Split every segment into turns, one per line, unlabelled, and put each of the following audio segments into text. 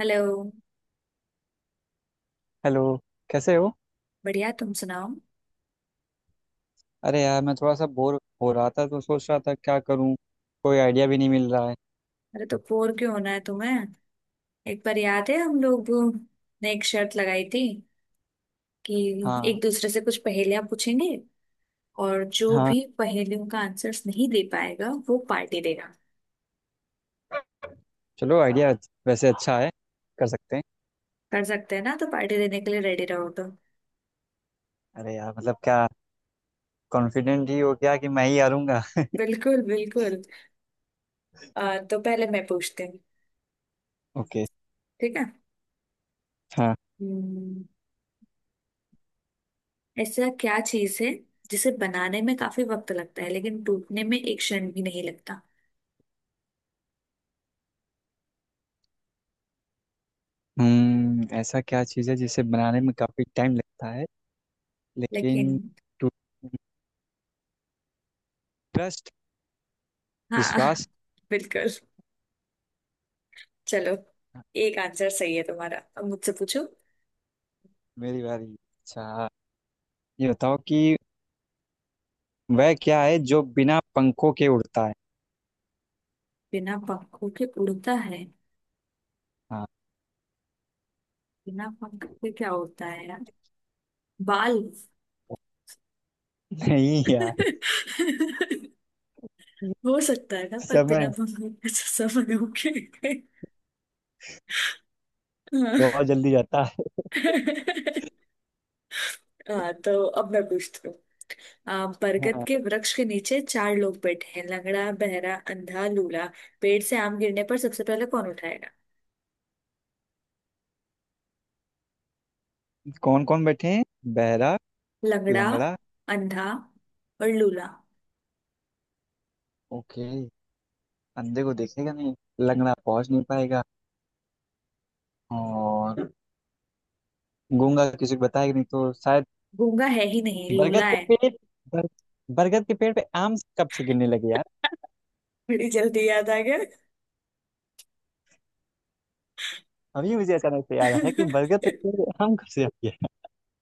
Hello.
Hello. कैसे हो?
बढ़िया, तुम सुनाओ।
अरे यार, मैं थोड़ा सा बोर हो रहा था तो सोच रहा था क्या करूं। कोई आइडिया भी नहीं मिल रहा है।
अरे, तो बोर क्यों होना है तुम्हें? एक बार याद है हम लोग ने एक शर्त लगाई थी कि
हाँ।
एक दूसरे से कुछ पहेलियां पूछेंगे और जो
हाँ,
भी पहेलियों का आंसर्स नहीं दे पाएगा वो पार्टी देगा।
चलो आइडिया वैसे अच्छा है, कर सकते हैं।
कर सकते हैं ना, तो पार्टी देने के लिए रेडी रहो तो।
अरे यार, मतलब क्या कॉन्फिडेंट ही हो गया कि मैं ही हारूंगा।
बिल्कुल बिल्कुल। तो पहले मैं पूछती हूँ।
ओके।
ठीक है।
हाँ।
हम्म, ऐसा क्या चीज है जिसे बनाने में काफी वक्त लगता है लेकिन टूटने में एक क्षण भी नहीं लगता?
हम्म, ऐसा क्या चीज़ है जिसे बनाने में काफ़ी टाइम लगता है
लेकिन
लेकिन। ट्रस्ट।
हाँ
विश्वास।
बिल्कुल। चलो, एक आंसर सही है तुम्हारा, अब मुझसे पूछो।
मेरी बारी, अच्छा। ये बताओ कि वह क्या है जो बिना पंखों के उड़ता है।
बिना पंखों के उड़ता है?
हाँ।
बिना पंख के क्या होता है यार, बाल?
नहीं यार।
हो सकता है ना, पर
समझ
बिना पंखों के तो समय हो गए। हाँ
बहुत जल्दी जाता है।
हाँ, तो अब मैं पूछती हूँ। बरगद
हाँ।
के वृक्ष के नीचे चार लोग बैठे हैं, लंगड़ा, बहरा, अंधा, लूला। पेड़ से आम गिरने पर सबसे पहले कौन उठाएगा?
कौन कौन बैठे हैं? बहरा।
लंगड़ा,
लंगड़ा।
अंधा और लूला।
ओके। अंधे को देखेगा नहीं। लंगड़ा पहुंच नहीं पाएगा। और गूंगा किसी को बताएगा नहीं, तो शायद।
गूंगा है ही नहीं, लूला
बरगद के
है।
पेड़, बर, बरगद के पेड़ पे आम कब से गिरने लगे यार।
बड़ी जल्दी याद आ गया
अभी मुझे अचानक से याद आया कि बरगद के पेड़ पे आम कब से आ गया।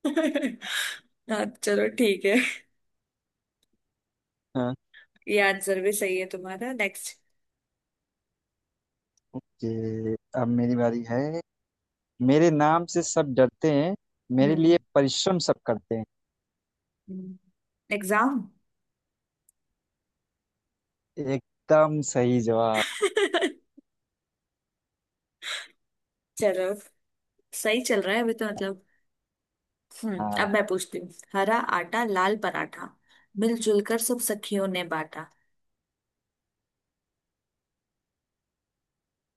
हाँ, चलो ठीक है।
हाँ।
ये आंसर भी सही है तुम्हारा। नेक्स्ट।
कि अब मेरी बारी है। मेरे नाम से सब डरते हैं, मेरे
हम्म।
लिए परिश्रम सब करते हैं।
एग्जाम।
एकदम सही जवाब।
चलो, सही चल रहा है अभी तो, मतलब। हम्म, अब
हाँ।
मैं पूछती हूँ। हरा आटा, लाल पराठा, मिलजुल कर सब सखियों ने बांटा।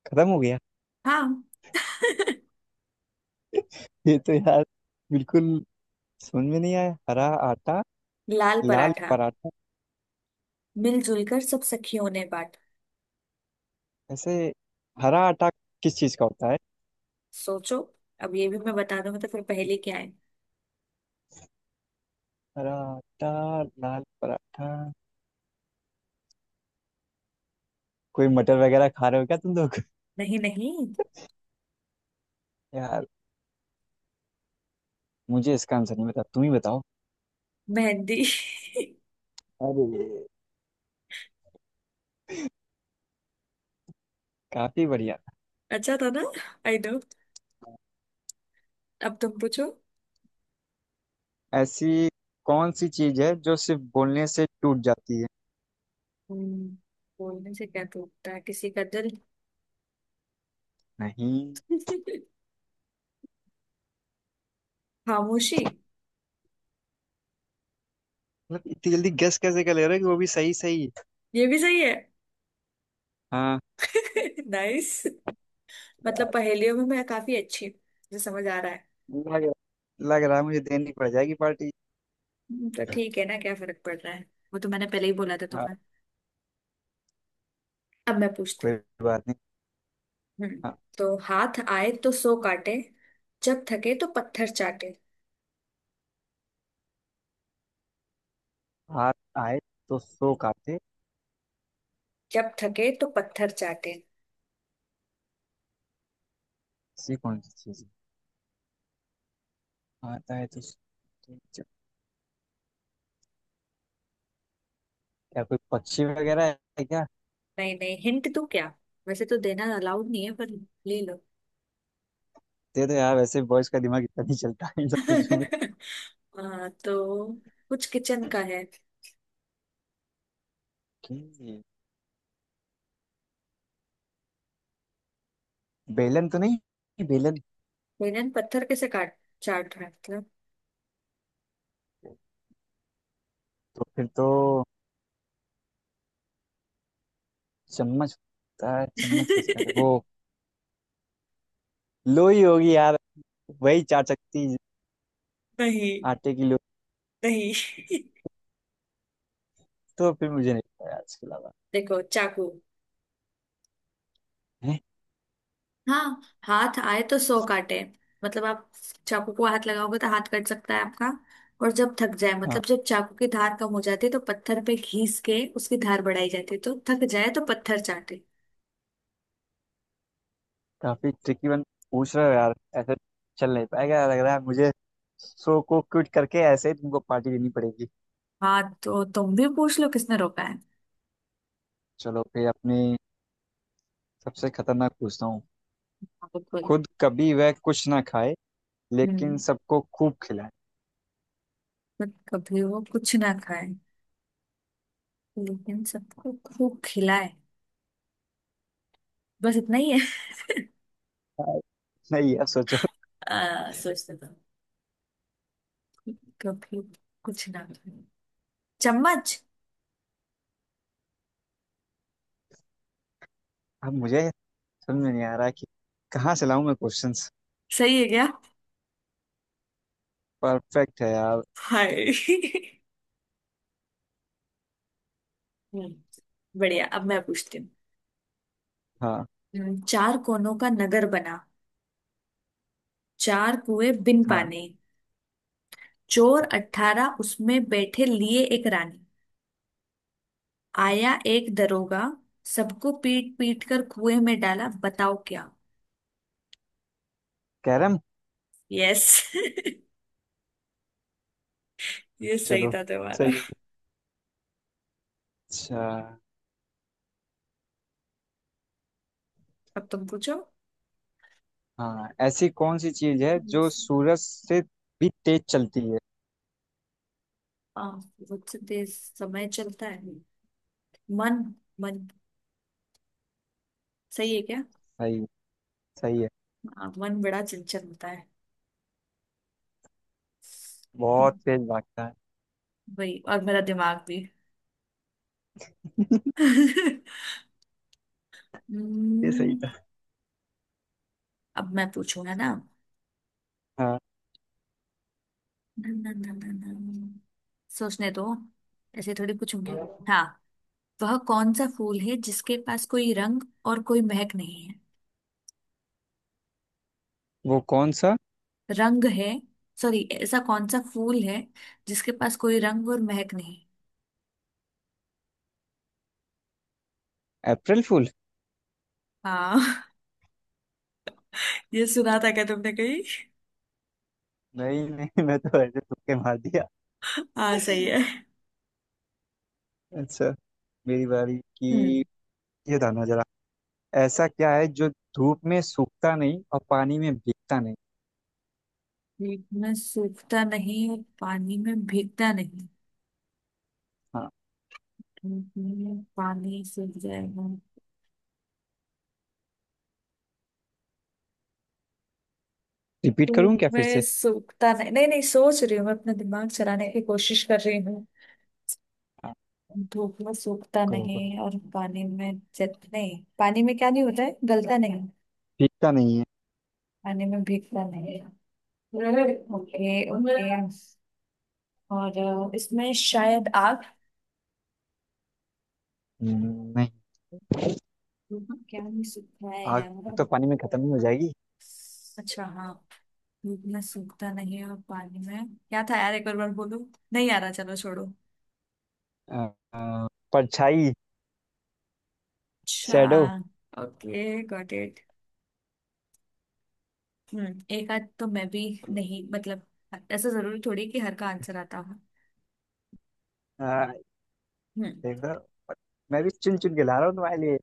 खत्म हो गया?
हाँ
ये तो यार बिल्कुल समझ में नहीं आया। हरा आटा,
लाल
लाल
पराठा,
पराठा।
मिलजुल कर सब सखियों ने बांटा।
ऐसे हरा आटा किस चीज का होता है?
सोचो, अब ये भी मैं बता दूंगा तो फिर पहेली क्या है?
हरा आटा, लाल पराठा। कोई मटर वगैरह खा रहे हो क्या तुम लोग?
नहीं नहीं।
यार, मुझे इसका आंसर नहीं पता, तुम ही बताओ।
मेहंदी
अरे, काफी बढ़िया।
अच्छा था ना। I know. अब तुम पूछो।
ऐसी कौन सी चीज है जो सिर्फ बोलने से टूट जाती है?
हम्म, बोलने से क्या टूटता है, किसी का दिल?
नहीं।
खामोशी।
मतलब इतनी जल्दी गेस कैसे कर ले रहे हो कि वो भी सही सही।
ये भी सही है।
हाँ।
नाइस। मतलब
यार,
पहेलियों में मैं काफी अच्छी हूँ, मुझे समझ आ रहा है।
लग रहा लग रहा है मुझे देनी पड़ जाएगी पार्टी।
तो ठीक है ना, क्या फर्क पड़ रहा है। वो तो मैंने पहले ही बोला था
हाँ,
तुम्हें। अब मैं पूछती
कोई
हूँ।
बात नहीं।
हम्म।
हाँ।
तो हाथ आए तो सो काटे, जब थके तो पत्थर चाटे।
हाथ आए तो सो काटे।
जब थके तो पत्थर चाटे।
ऐसी कौन सी चीज, आता है तो उसको- क्या कोई पक्षी वगैरह है क्या?
नहीं नहीं, हिंट दूं क्या? वैसे तो देना अलाउड नहीं है, पर ले लो।
दे दो यार, वैसे बॉयज का दिमाग इतना नहीं चलता है इन सब चीजों में।
हाँ, तो कुछ किचन का है।
कि बेलन तो नहीं, बेलन?
बेलन पत्थर कैसे काट, चाट रहा है मतलब।
तो फिर तो चम्मच होता है, चम्मच कैसे कहते हैं वो? लोई होगी यार, वही चार चक्की।
नहीं
आटे की लोई।
नहीं
तो फिर मुझे नहीं पता यार इसके अलावा।
देखो, चाकू।
हैं?
हाँ, हाथ आए तो सौ काटे। मतलब आप चाकू को हाथ लगाओगे तो हाथ कट सकता है आपका। और जब थक जाए,
हाँ।
मतलब जब चाकू की धार कम हो जाती है तो पत्थर पे घिस के उसकी धार बढ़ाई जाती है, तो थक जाए तो पत्थर चाटे।
काफी ट्रिकी वन पूछ रहे हो यार। ऐसे चल नहीं पाएगा, लग रहा है मुझे। शो को क्विट करके ऐसे ही तुमको पार्टी देनी पड़ेगी।
हाँ, तो तुम भी पूछ लो, किसने रोका है।
चलो फिर अपने सबसे खतरनाक पूछता हूँ।
हाँ, बिल्कुल।
खुद कभी वह कुछ ना खाए, लेकिन
हम्म।
सबको खूब खिलाए।
पर कभी वो कुछ ना खाए, लेकिन सबको खूब खिलाए? बस इतना ही है।
हाँ, नहीं यार सोचो।
सोचते तो। कभी कुछ ना खाया। चम्मच।
अब मुझे समझ में नहीं आ रहा कि कहाँ से लाऊं मैं क्वेश्चंस।
सही है क्या?
परफेक्ट है यार।
हाय। हम्म, बढ़िया, अब मैं पूछती हूँ।
हाँ।
चार कोनों का नगर बना, चार कुएं बिन
हाँ।
पानी, चोर अठारह उसमें बैठे, लिए एक रानी। आया एक दरोगा, सबको पीट पीट कर कुएं में डाला। बताओ क्या?
कैरम।
यस ये सही
चलो,
था
सही
तुम्हारा।
है। अच्छा।
अब तुम पूछो।
हाँ, ऐसी कौन सी चीज है जो सूरज से भी तेज चलती है?
आ, बहुत से देर समय चलता है। मन। मन सही है क्या?
सही। सही है।
हाँ, मन बड़ा चंचल होता है।
बहुत
हम्म,
तेज भागता है।
वही, और मेरा दिमाग भी। हम्म,
ये सही था।
अब मैं पूछूं है ना।
हाँ।
ना, ना, ना, ना, ना। सोचने दो, ऐसे थोड़ी पूछूंगी। हाँ, वह कौन सा फूल है जिसके पास कोई रंग और कोई महक नहीं है?
वो कौन सा।
रंग है, सॉरी, ऐसा कौन सा फूल है जिसके पास कोई रंग और महक नहीं?
अप्रैल फूल।
हाँ ये सुना था क्या तुमने कहीं?
नहीं नहीं, मैं तो ऐसे तुक्के मार दिया।
हाँ, सही है।
अच्छा, मेरी बारी की।
हम्म।
ये था ना जरा। ऐसा क्या है जो धूप में सूखता नहीं और पानी में भीगता नहीं?
धूप में सूखता नहीं और पानी में भीगता नहीं।
हाँ।
पानी सूख जाएगा
रिपीट
तो
करूँ क्या फिर
मैं
से?
सूखता नहीं नहीं नहीं सोच रही हूँ, मैं अपना दिमाग चलाने की कोशिश कर रही हूँ।
हाँ,
धूप में सूखता
करो
नहीं
करो,
और पानी में जत नहीं, पानी में क्या नहीं होता है, गलता नहीं?
भीगता नहीं है।
पानी में भीगता नहीं। Okay okay. और इसमें शायद आग?
नहीं।
क्या नहीं सूखता है
आग
यार।
तो पानी में खत्म ही हो जाएगी।
अच्छा हाँ। धूप में सूखता नहीं और पानी में क्या था यार, एक बार बार बोलो। नहीं आ रहा, चलो छोड़ो।
अ, अ, परछाई।
अच्छा,
shadow.
Okay, got it. Hmm, एक आध तो मैं भी, नहीं मतलब, ऐसा जरूरी थोड़ी कि हर का आंसर आता हो। हम्म।
देखो, मैं भी चुन चुन के ला रहा हूँ तुम्हारे लिए।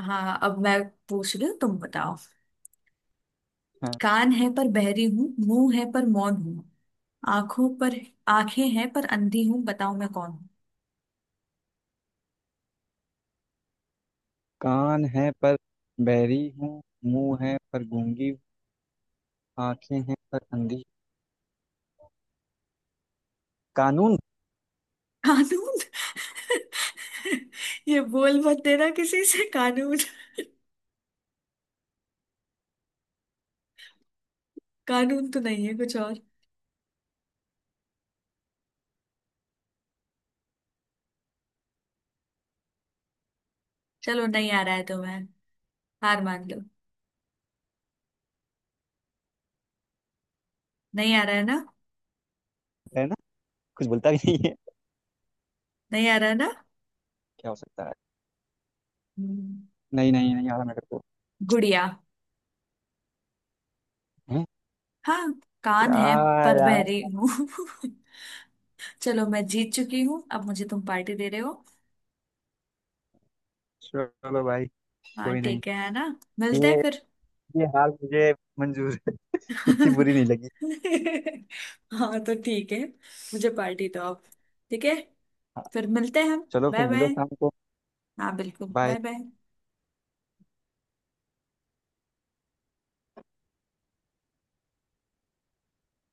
हाँ, अब मैं पूछ रही हूँ, तुम बताओ।
हाँ,
कान है पर बहरी हूँ, मुंह है पर मौन हूँ, आंखों पर, आंखें हैं पर अंधी हूँ, बताओ मैं कौन हूँ?
कान है पर बहरी हूँ, मुंह है पर गूंगी हूँ, आंखें हैं पर अंधी। कानून?
कानून ये बोल मत देना किसी से, कानून। कानून तो नहीं है, कुछ और। चलो, नहीं आ रहा है तुम्हें, हार मान लो। नहीं आ रहा है ना?
है ना, कुछ बोलता भी नहीं है।
नहीं आ रहा है ना?
क्या हो सकता है?
हम्म,
नहीं नहीं, नहीं आ रहा मेरे को।
गुड़िया।
हैं?
हाँ, कान
क्या
है पर
यार।
बहरी हूँ। चलो, मैं जीत चुकी हूँ, अब मुझे तुम पार्टी दे रहे हो।
चलो भाई,
हाँ
कोई नहीं।
ठीक है ना। मिलते
ये
हैं फिर।
ये हाल मुझे मंजूर है। इतनी बुरी नहीं लगी।
हाँ, तो ठीक है। मुझे पार्टी दो अब। ठीक है,
हाँ,
फिर मिलते हैं हम।
चलो फिर
बाय
मिलो
बाय।
शाम को।
हाँ, बिल्कुल, बाय
बाय।
बाय।